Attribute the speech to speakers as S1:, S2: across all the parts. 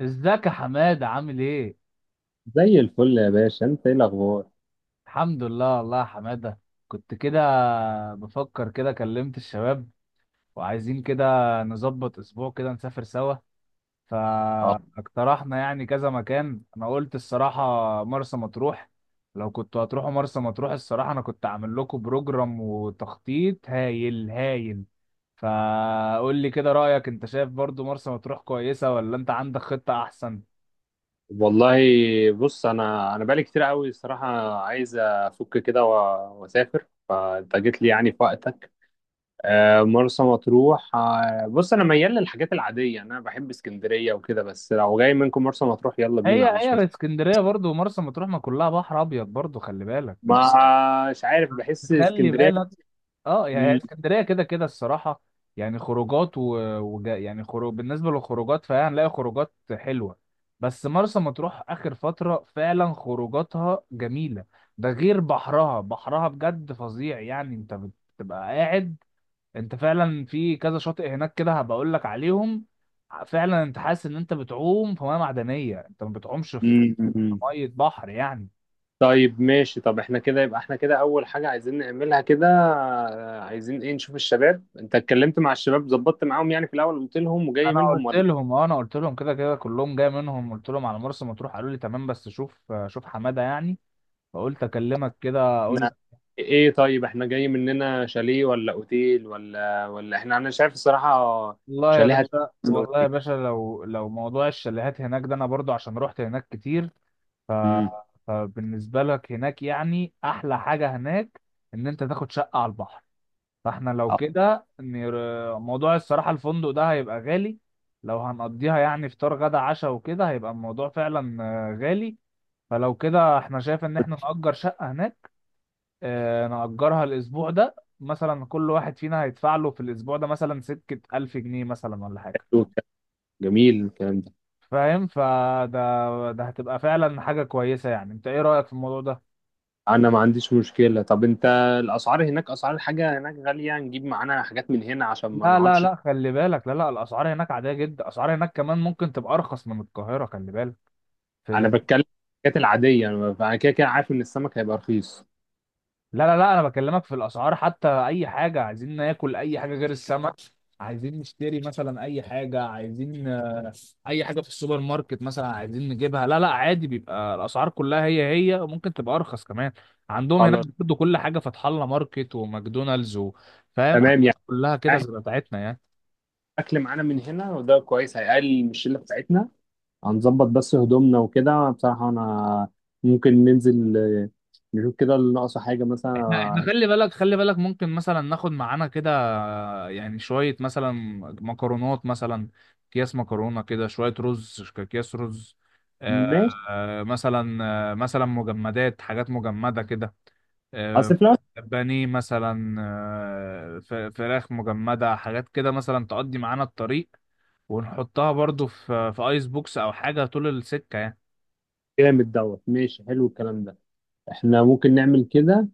S1: ازيك يا حماده عامل ايه؟
S2: زي الفل يا باشا، انت ايه الاخبار؟
S1: الحمد لله والله يا حماده. كنت كده بفكر، كده كلمت الشباب وعايزين كده نظبط اسبوع كده نسافر سوا.
S2: اه
S1: فاقترحنا يعني كذا مكان، انا قلت الصراحه مرسى مطروح. لو كنتوا هتروحوا مرسى مطروح الصراحه انا كنت عامل لكم بروجرام وتخطيط هايل هايل. فقول لي كده رايك، انت شايف برضو مرسى مطروح كويسه ولا انت عندك خطه احسن؟
S2: والله، بص، انا بقالي كتير قوي الصراحه عايز افك كده واسافر، فانت جيت لي يعني في وقتك. مرسى مطروح. بص، انا ميال للحاجات العاديه، انا بحب اسكندريه وكده، بس لو جاي منكم مرسى مطروح يلا بينا،
S1: هي
S2: ما عنديش
S1: هي
S2: مشكله.
S1: اسكندريه برضو ومرسى مطروح ما كلها بحر ابيض برضو، خلي بالك.
S2: ما مش عارف، بحس
S1: خلي
S2: اسكندريه.
S1: بالك اه، يعني هي
S2: مم،
S1: اسكندريه كده كده الصراحه. يعني خروجات يعني خروج، بالنسبه للخروجات فهي هنلاقي خروجات حلوه، بس مرسى مطروح اخر فتره فعلا خروجاتها جميله. ده غير بحرها بجد فظيع. يعني انت بتبقى قاعد، انت فعلا في كذا شاطئ هناك، كده هبقول لك عليهم. فعلا انت حاسس ان انت بتعوم في ميه معدنيه، انت ما بتعومش في
S2: مم، مم.
S1: ميه بحر يعني.
S2: طيب ماشي. طب احنا كده يبقى احنا كده اول حاجة عايزين نعملها كده، عايزين ايه نشوف الشباب. انت اتكلمت مع الشباب، ظبطت معاهم يعني في الاول قلت لهم وجاي
S1: انا
S2: منهم
S1: قلت
S2: ولا؟
S1: لهم اه، انا قلت لهم كده كده كلهم جاي منهم، قلت لهم على مرسى مطروح، قالوا لي تمام بس شوف حماده يعني، فقلت اكلمك كده
S2: احنا
S1: اقول.
S2: ايه؟ طيب احنا جاي مننا شاليه ولا اوتيل ولا احنا، انا شايف الصراحة
S1: والله يا
S2: شاليه.
S1: باشا،
S2: هتنزل
S1: والله يا
S2: اوتيل؟
S1: باشا لو موضوع الشاليهات هناك ده انا برضو عشان رحت هناك كتير. ف
S2: امم
S1: فبالنسبه لك هناك يعني احلى حاجه هناك ان انت تاخد شقه على البحر. فاحنا لو كده موضوع الصراحه الفندق ده هيبقى غالي. لو هنقضيها يعني فطار غدا عشاء وكده هيبقى الموضوع فعلا غالي. فلو كده احنا شايف ان احنا نأجر شقة هناك. اه نأجرها الأسبوع ده مثلا، كل واحد فينا هيدفع له في الأسبوع ده مثلا سكة ألف جنيه مثلا ولا حاجة.
S2: جميل الكلام ده.
S1: فاهم؟ فده هتبقى فعلا حاجة كويسة. يعني انت ايه رأيك في الموضوع ده؟
S2: انا ما عنديش مشكلة. طب انت الاسعار هناك، اسعار الحاجة هناك غالية؟ نجيب معانا حاجات من هنا عشان ما
S1: لا لا
S2: نقعدش.
S1: لا، خلي بالك، لا لا، الأسعار هناك عادية جدا. الأسعار هناك كمان ممكن تبقى أرخص من القاهرة، خلي بالك.
S2: انا
S1: في...
S2: بتكلم الحاجات العادية، انا كده كده عارف ان السمك هيبقى رخيص.
S1: لا لا لا، أنا بكلمك في الأسعار، حتى أي حاجة عايزين ناكل، أي حاجة غير السمك، عايزين نشتري مثلا أي حاجة، عايزين اي حاجه في السوبر ماركت مثلا عايزين نجيبها، لا لا، عادي بيبقى الاسعار كلها هي، وممكن تبقى ارخص كمان. عندهم هناك
S2: خلاص.
S1: برضه كل حاجه، فتح الله ماركت وماكدونالدز فاهم،
S2: تمام يعني.
S1: حاجات كلها كده
S2: احنا
S1: زي بتاعتنا يعني.
S2: الاكل معانا من هنا وده كويس، هيقلل من الشله بتاعتنا. هنظبط بس هدومنا وكده، بصراحه انا ممكن ننزل نشوف كده اللي ناقصه حاجه
S1: احنا
S2: مثلا.
S1: خلي بالك، خلي بالك ممكن مثلا ناخد معانا كده يعني شوية مثلا مكرونات مثلا، اكياس مكرونة كده، شوية رز، اكياس رز،
S2: ماشي.
S1: مثلا. مثلا مجمدات، حاجات مجمدة كده، آه،
S2: اصل في الأول
S1: بانيه مثلا، فراخ مجمدة، حاجات كده مثلا تقضي معانا الطريق، ونحطها برضو في ايس بوكس او حاجة طول السكة يعني.
S2: جامد دوت. ماشي، حلو الكلام ده. احنا ممكن نعمل كده.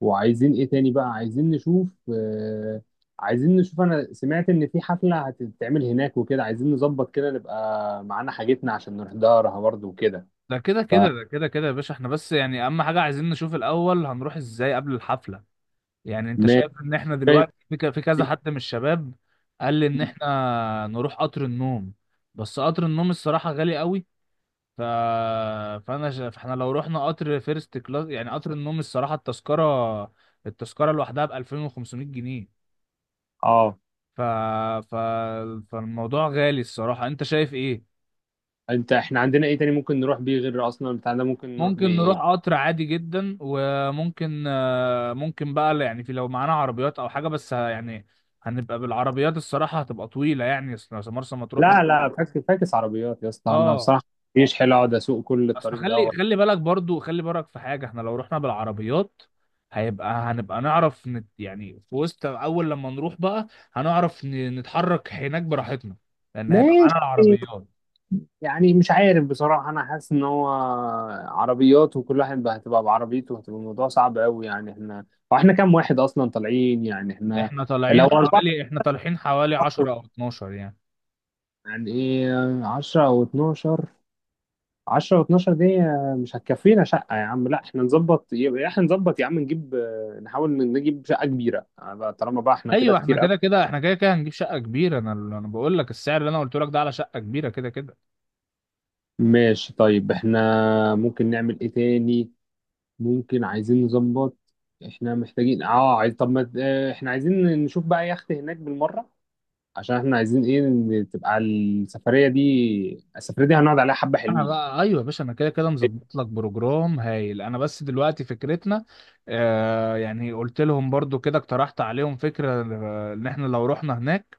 S2: وعايزين ايه تاني بقى؟ عايزين نشوف. آه، عايزين نشوف، انا سمعت ان في حفله هتتعمل هناك، وكده عايزين نظبط كده نبقى معانا حاجتنا عشان نحضرها برضه وكده.
S1: ده كده كده ده كده كده يا باشا، احنا بس يعني اهم حاجة عايزين نشوف الاول هنروح ازاي قبل الحفلة. يعني انت
S2: فماشي.
S1: شايف ان احنا دلوقتي في في كذا حد من الشباب قال لي ان احنا نروح قطر النوم، بس قطر النوم الصراحة غالي قوي. ف... فاحنا لو رحنا قطر فيرست كلاس يعني قطر النوم، الصراحة التذكرة، التذكرة لوحدها ب 2500 جنيه.
S2: اه،
S1: ف... ف... فالموضوع غالي الصراحة، انت شايف ايه؟
S2: انت احنا عندنا ايه تاني ممكن نروح بيه غير ارسنال بتاعنا؟ ممكن نروح
S1: ممكن
S2: بايه؟
S1: نروح قطر عادي جدا، وممكن بقى يعني، في لو معانا عربيات او حاجه، بس يعني هنبقى بالعربيات الصراحه، هتبقى طويله يعني، اصل مرسى
S2: لا
S1: مطروح
S2: ممكن، لا، فاكس فاكس عربيات يا اسطى، انا
S1: اه.
S2: بصراحه مفيش. حلو اقعد اسوق كل
S1: اصل
S2: الطريق دوت.
S1: خلي بالك برضو، خلي بالك في حاجه، احنا لو رحنا بالعربيات هنبقى نعرف نت يعني في وسط، اول لما نروح بقى هنعرف نتحرك هناك براحتنا، لان هيبقى معانا
S2: ماشي
S1: العربيات.
S2: يعني، مش عارف بصراحه. انا حاسس ان هو عربيات وكل واحد بقى هتبقى بعربيته، هتبقى الموضوع صعب قوي يعني. احنا واحنا كام واحد اصلا طالعين يعني؟ احنا
S1: احنا طالعين
S2: لو اربعه
S1: حوالي احنا طالعين حوالي 10 او 12 يعني.
S2: يعني، ايه 10 او 12؟ 10 و12 دي مش هتكفينا شقة يا عم. لا احنا نظبط، يبقى احنا نظبط يا عم نجيب، نحاول نجيب شقة كبيرة بقى، طالما بقى احنا كده
S1: ايوه احنا
S2: كتير قوي.
S1: كده كده، احنا كده كده هنجيب شقه كبيره. انا بقول لك السعر اللي انا قلت لك ده على شقه كبيره كده كده.
S2: ماشي. طيب احنا ممكن نعمل ايه تاني؟ ممكن، عايزين نظبط. احنا محتاجين اه، عايز، طب ما احنا عايزين نشوف بقى يخت هناك بالمرة، عشان احنا عايزين ايه، إن تبقى السفرية دي، السفرية دي هنقعد عليها حبة
S1: انا
S2: حلوين.
S1: بقى ايوه يا باشا، انا كده كده مظبط لك بروجرام هايل، انا بس دلوقتي فكرتنا. آه يعني قلت لهم برضو كده، اقترحت عليهم فكره، ان احنا لو رحنا هناك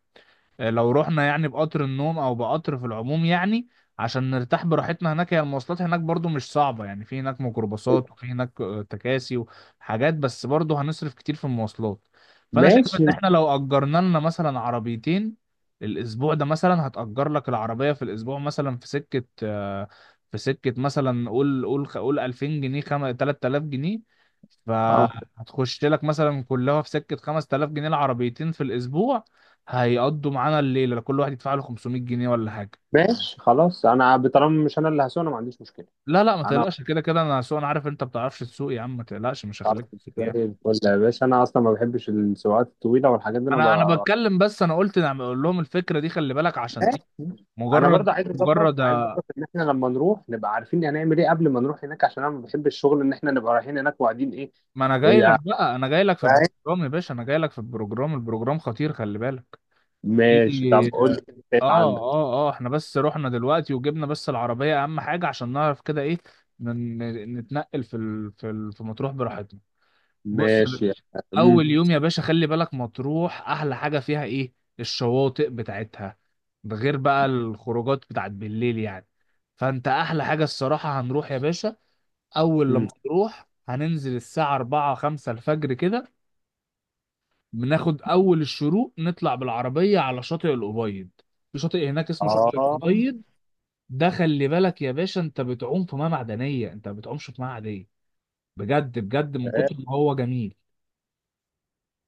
S1: لو رحنا يعني بقطر النوم او بقطر في العموم يعني، عشان نرتاح براحتنا هناك. هي المواصلات هناك برضو مش صعبة، يعني في هناك ميكروباصات وفي هناك تكاسي وحاجات، بس برضو هنصرف كتير في المواصلات. فانا شايف ان
S2: ماشي.
S1: احنا لو اجرنا لنا مثلا عربيتين الاسبوع ده مثلا، هتأجر لك العربية في الاسبوع مثلا في سكة، في سكة مثلا قول، قول 2000 جنيه، 3000 جنيه.
S2: اه.
S1: فهتخش لك مثلا كلها في سكة 5000 جنيه العربيتين في الاسبوع. هيقضوا معانا الليله كل واحد يدفع له 500 جنيه ولا حاجه.
S2: ماشي خلاص، انا طالما مش انا اللي هسوق، انا ما عنديش مشكلة.
S1: لا لا، ما
S2: انا
S1: تقلقش كده كده انا سوق، انا عارف انت ما بتعرفش تسوق يا عم، ما تقلقش مش
S2: عارف،
S1: هخليك تسوق يعني.
S2: زي الفل يا باشا. انا اصلا ما بحبش السواقات الطويله والحاجات دي، انا ب...
S1: انا بتكلم بس، انا قلت نعم اقول لهم الفكره دي، خلي بالك عشان ايه،
S2: ماشي. انا برضه
S1: مجرد
S2: عايز اظبط،
S1: مجرد
S2: عايز اظبط ان احنا لما نروح نبقى عارفين هنعمل ايه قبل ما نروح هناك، عشان انا ما بحبش الشغل ان احنا نبقى رايحين هناك وقاعدين ايه.
S1: ما انا
S2: ايه
S1: جاي لك
S2: ده؟
S1: بقى، انا جاي لك في البروجرام يا باشا، انا جاي لك في البروجرام، البروجرام خطير خلي بالك في.
S2: ماشي، طب قول لي إنت ايه اللي
S1: اه
S2: عندك.
S1: اه اه احنا بس رحنا دلوقتي وجبنا بس العربيه، اهم حاجه عشان نعرف كده ايه من نتنقل في مطروح براحتنا. بص يا
S2: ماشي.
S1: باشا،
S2: مم.
S1: اول يوم يا باشا خلي بالك، مطروح احلى حاجه فيها ايه؟ الشواطئ بتاعتها، ده غير بقى الخروجات بتاعت بالليل يعني. فانت احلى حاجه الصراحه هنروح يا باشا، اول
S2: مم.
S1: لما نروح هننزل الساعه 4 5 الفجر كده، بناخد اول الشروق، نطلع بالعربيه على شاطئ الابيض. في شاطئ هناك اسمه شاطئ
S2: اه،
S1: الابيض، ده خلي بالك يا باشا، انت بتعوم في ميه معدنيه، انت ما بتعومش في ميه عاديه. بجد بجد من كتر ما هو جميل،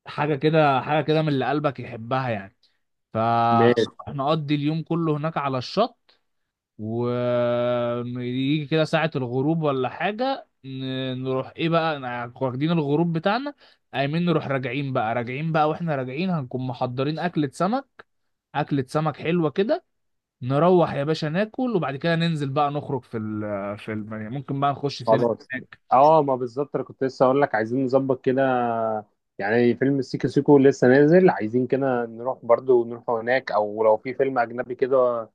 S1: حاجة كده، حاجة كده من اللي قلبك يحبها يعني.
S2: ماشي
S1: فنقضي اليوم كله هناك على الشط، ويجي كده ساعة الغروب ولا حاجة، نروح ايه بقى، واخدين الغروب بتاعنا. قايمين نروح راجعين بقى، راجعين بقى واحنا راجعين هنكون محضرين أكلة سمك، أكلة سمك حلوة كده. نروح يا باشا ناكل، وبعد كده ننزل بقى نخرج في ال في ال يعني ممكن بقى نخش سينما
S2: خلاص.
S1: هناك.
S2: اه، ما بالظبط، انا كنت لسه اقول لك عايزين نظبط كده، يعني فيلم سيكو سيكو لسه نازل، عايزين كده نروح برضو نروح هناك، او لو في فيلم اجنبي كده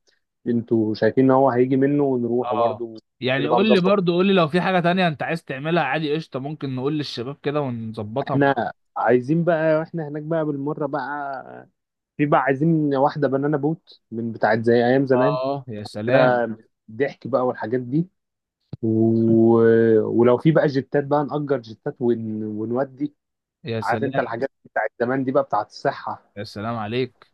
S2: انتوا شايفين ان هو هيجي منه ونروح
S1: اه
S2: برضو.
S1: يعني
S2: نبقى
S1: قول لي
S2: مظبط.
S1: برضو، قول لي لو في حاجة تانية انت عايز تعملها، عادي قشطة ممكن نقول للشباب كده ونظبطها مع بعض.
S2: احنا عايزين بقى واحنا هناك بقى بالمرة بقى، في بقى عايزين واحدة بنانا بوت من بتاعت زي ايام زمان
S1: اه يا سلام.
S2: كده، ضحك بقى والحاجات دي، و... ولو في بقى جتات بقى نأجر جتات ون... ونودي.
S1: يا
S2: عارف انت
S1: سلام.
S2: الحاجات بتاعت زمان دي بقى بتاعت الصحة.
S1: يا سلام عليك.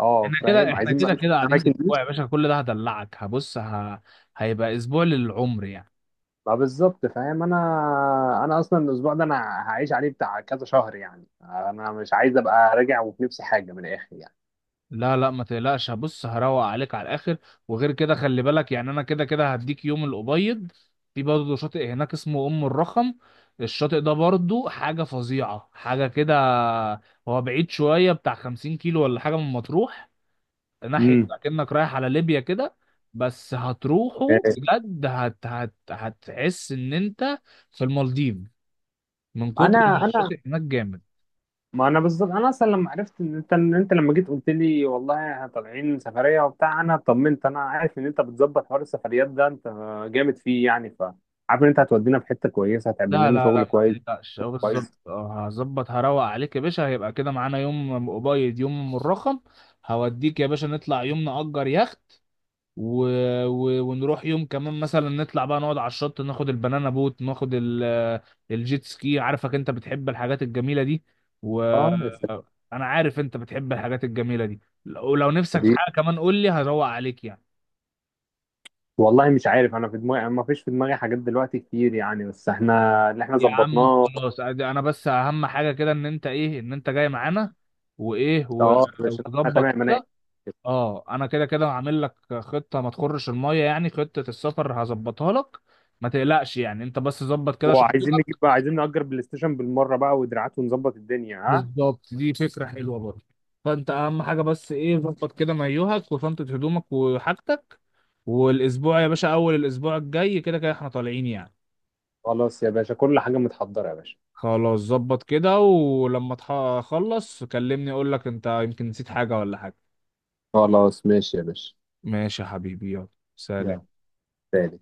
S2: اه
S1: احنا كده،
S2: فاهم،
S1: احنا
S2: عايزين بقى
S1: كده
S2: نشوف
S1: كده قاعدين
S2: الاماكن دي.
S1: اسبوع يا باشا، كل ده هدلعك، هيبقى اسبوع للعمر يعني.
S2: ما بالظبط فاهم انا. انا اصلا الاسبوع ده انا هعيش عليه بتاع كذا شهر يعني، انا مش عايز ابقى راجع وفي نفسي حاجة من الاخر يعني.
S1: لا لا، ما تقلقش، هبص هروق عليك على الاخر. وغير كده خلي بالك يعني، انا كده كده هديك يوم الابيض، في برضه شاطئ هناك اسمه ام الرخم، الشاطئ ده برضه حاجه فظيعه، حاجه كده. هو بعيد شويه، بتاع 50 كيلو ولا حاجه من مطروح، ناحيه
S2: امم
S1: اكنك رايح على ليبيا كده. بس هتروحه بجد، هت هت هتحس ان انت في المالديف، من
S2: انا
S1: كتر ما
S2: انا
S1: الشاطئ هناك جامد.
S2: ما انا بالظبط، انا اصلا لما عرفت ان انت لما جيت قلت لي والله احنا طالعين سفريه وبتاع، انا طمنت، انا عارف ان انت بتظبط حوار السفريات ده، انت جامد فيه يعني. ف عارف ان انت هتودينا في حته كويسه، هتعمل
S1: لا
S2: لنا
S1: لا
S2: شغل
S1: لا، ما
S2: كويس.
S1: تقلقش، اه بالظبط،
S2: كويس.
S1: اه هظبط هروق عليك يا باشا، هيبقى كده معانا يوم قبيض يوم مرخم. هوديك يا باشا نطلع يوم نأجر يخت، و... ونروح يوم كمان مثلا نطلع بقى نقعد على الشط، ناخد البنانا بوت، ناخد الجيت سكي، عارفك انت بتحب الحاجات الجميلة دي و
S2: اه يا
S1: انا عارف انت بتحب الحاجات الجميلة دي. ولو نفسك في
S2: سلام.
S1: حاجة كمان قول لي، هروق عليك يعني.
S2: والله مش عارف، انا في دماغي ما فيش، في دماغي حاجات دلوقتي كتير يعني، بس احنا اللي احنا
S1: يا عم
S2: ظبطناه.
S1: خلاص عادي، انا بس اهم حاجه كده ان انت ايه، ان انت جاي معانا وايه و-
S2: اه، مش احنا
S1: وتظبط
S2: تمام؟ انا
S1: كده. اه انا كده كده هعمل لك خطه ما تخرش الميه، يعني خطه السفر هظبطها لك، ما تقلقش يعني، انت بس ظبط كده
S2: وعايزين نجيب
S1: شنطتك.
S2: بقى، عايزين نأجر بلاي ستيشن بالمرة بقى ودراعات ونظبط الدنيا. ها
S1: بالظبط، دي فكره حلوه برضه. فانت اهم حاجه بس ايه، ظبط كده مايوهك وشنطه هدومك وحاجتك، والاسبوع يا باشا، اول الاسبوع الجاي كده كده احنا طالعين يعني.
S2: خلاص يا باشا، كل حاجة متحضرة يا باشا.
S1: خلاص ظبط كده، ولما تخلص كلمني اقول لك انت يمكن نسيت حاجة ولا حاجة.
S2: خلاص ماشي يا باشا.
S1: ماشي يا حبيبي، يلا
S2: يلا
S1: سلام.
S2: سلام.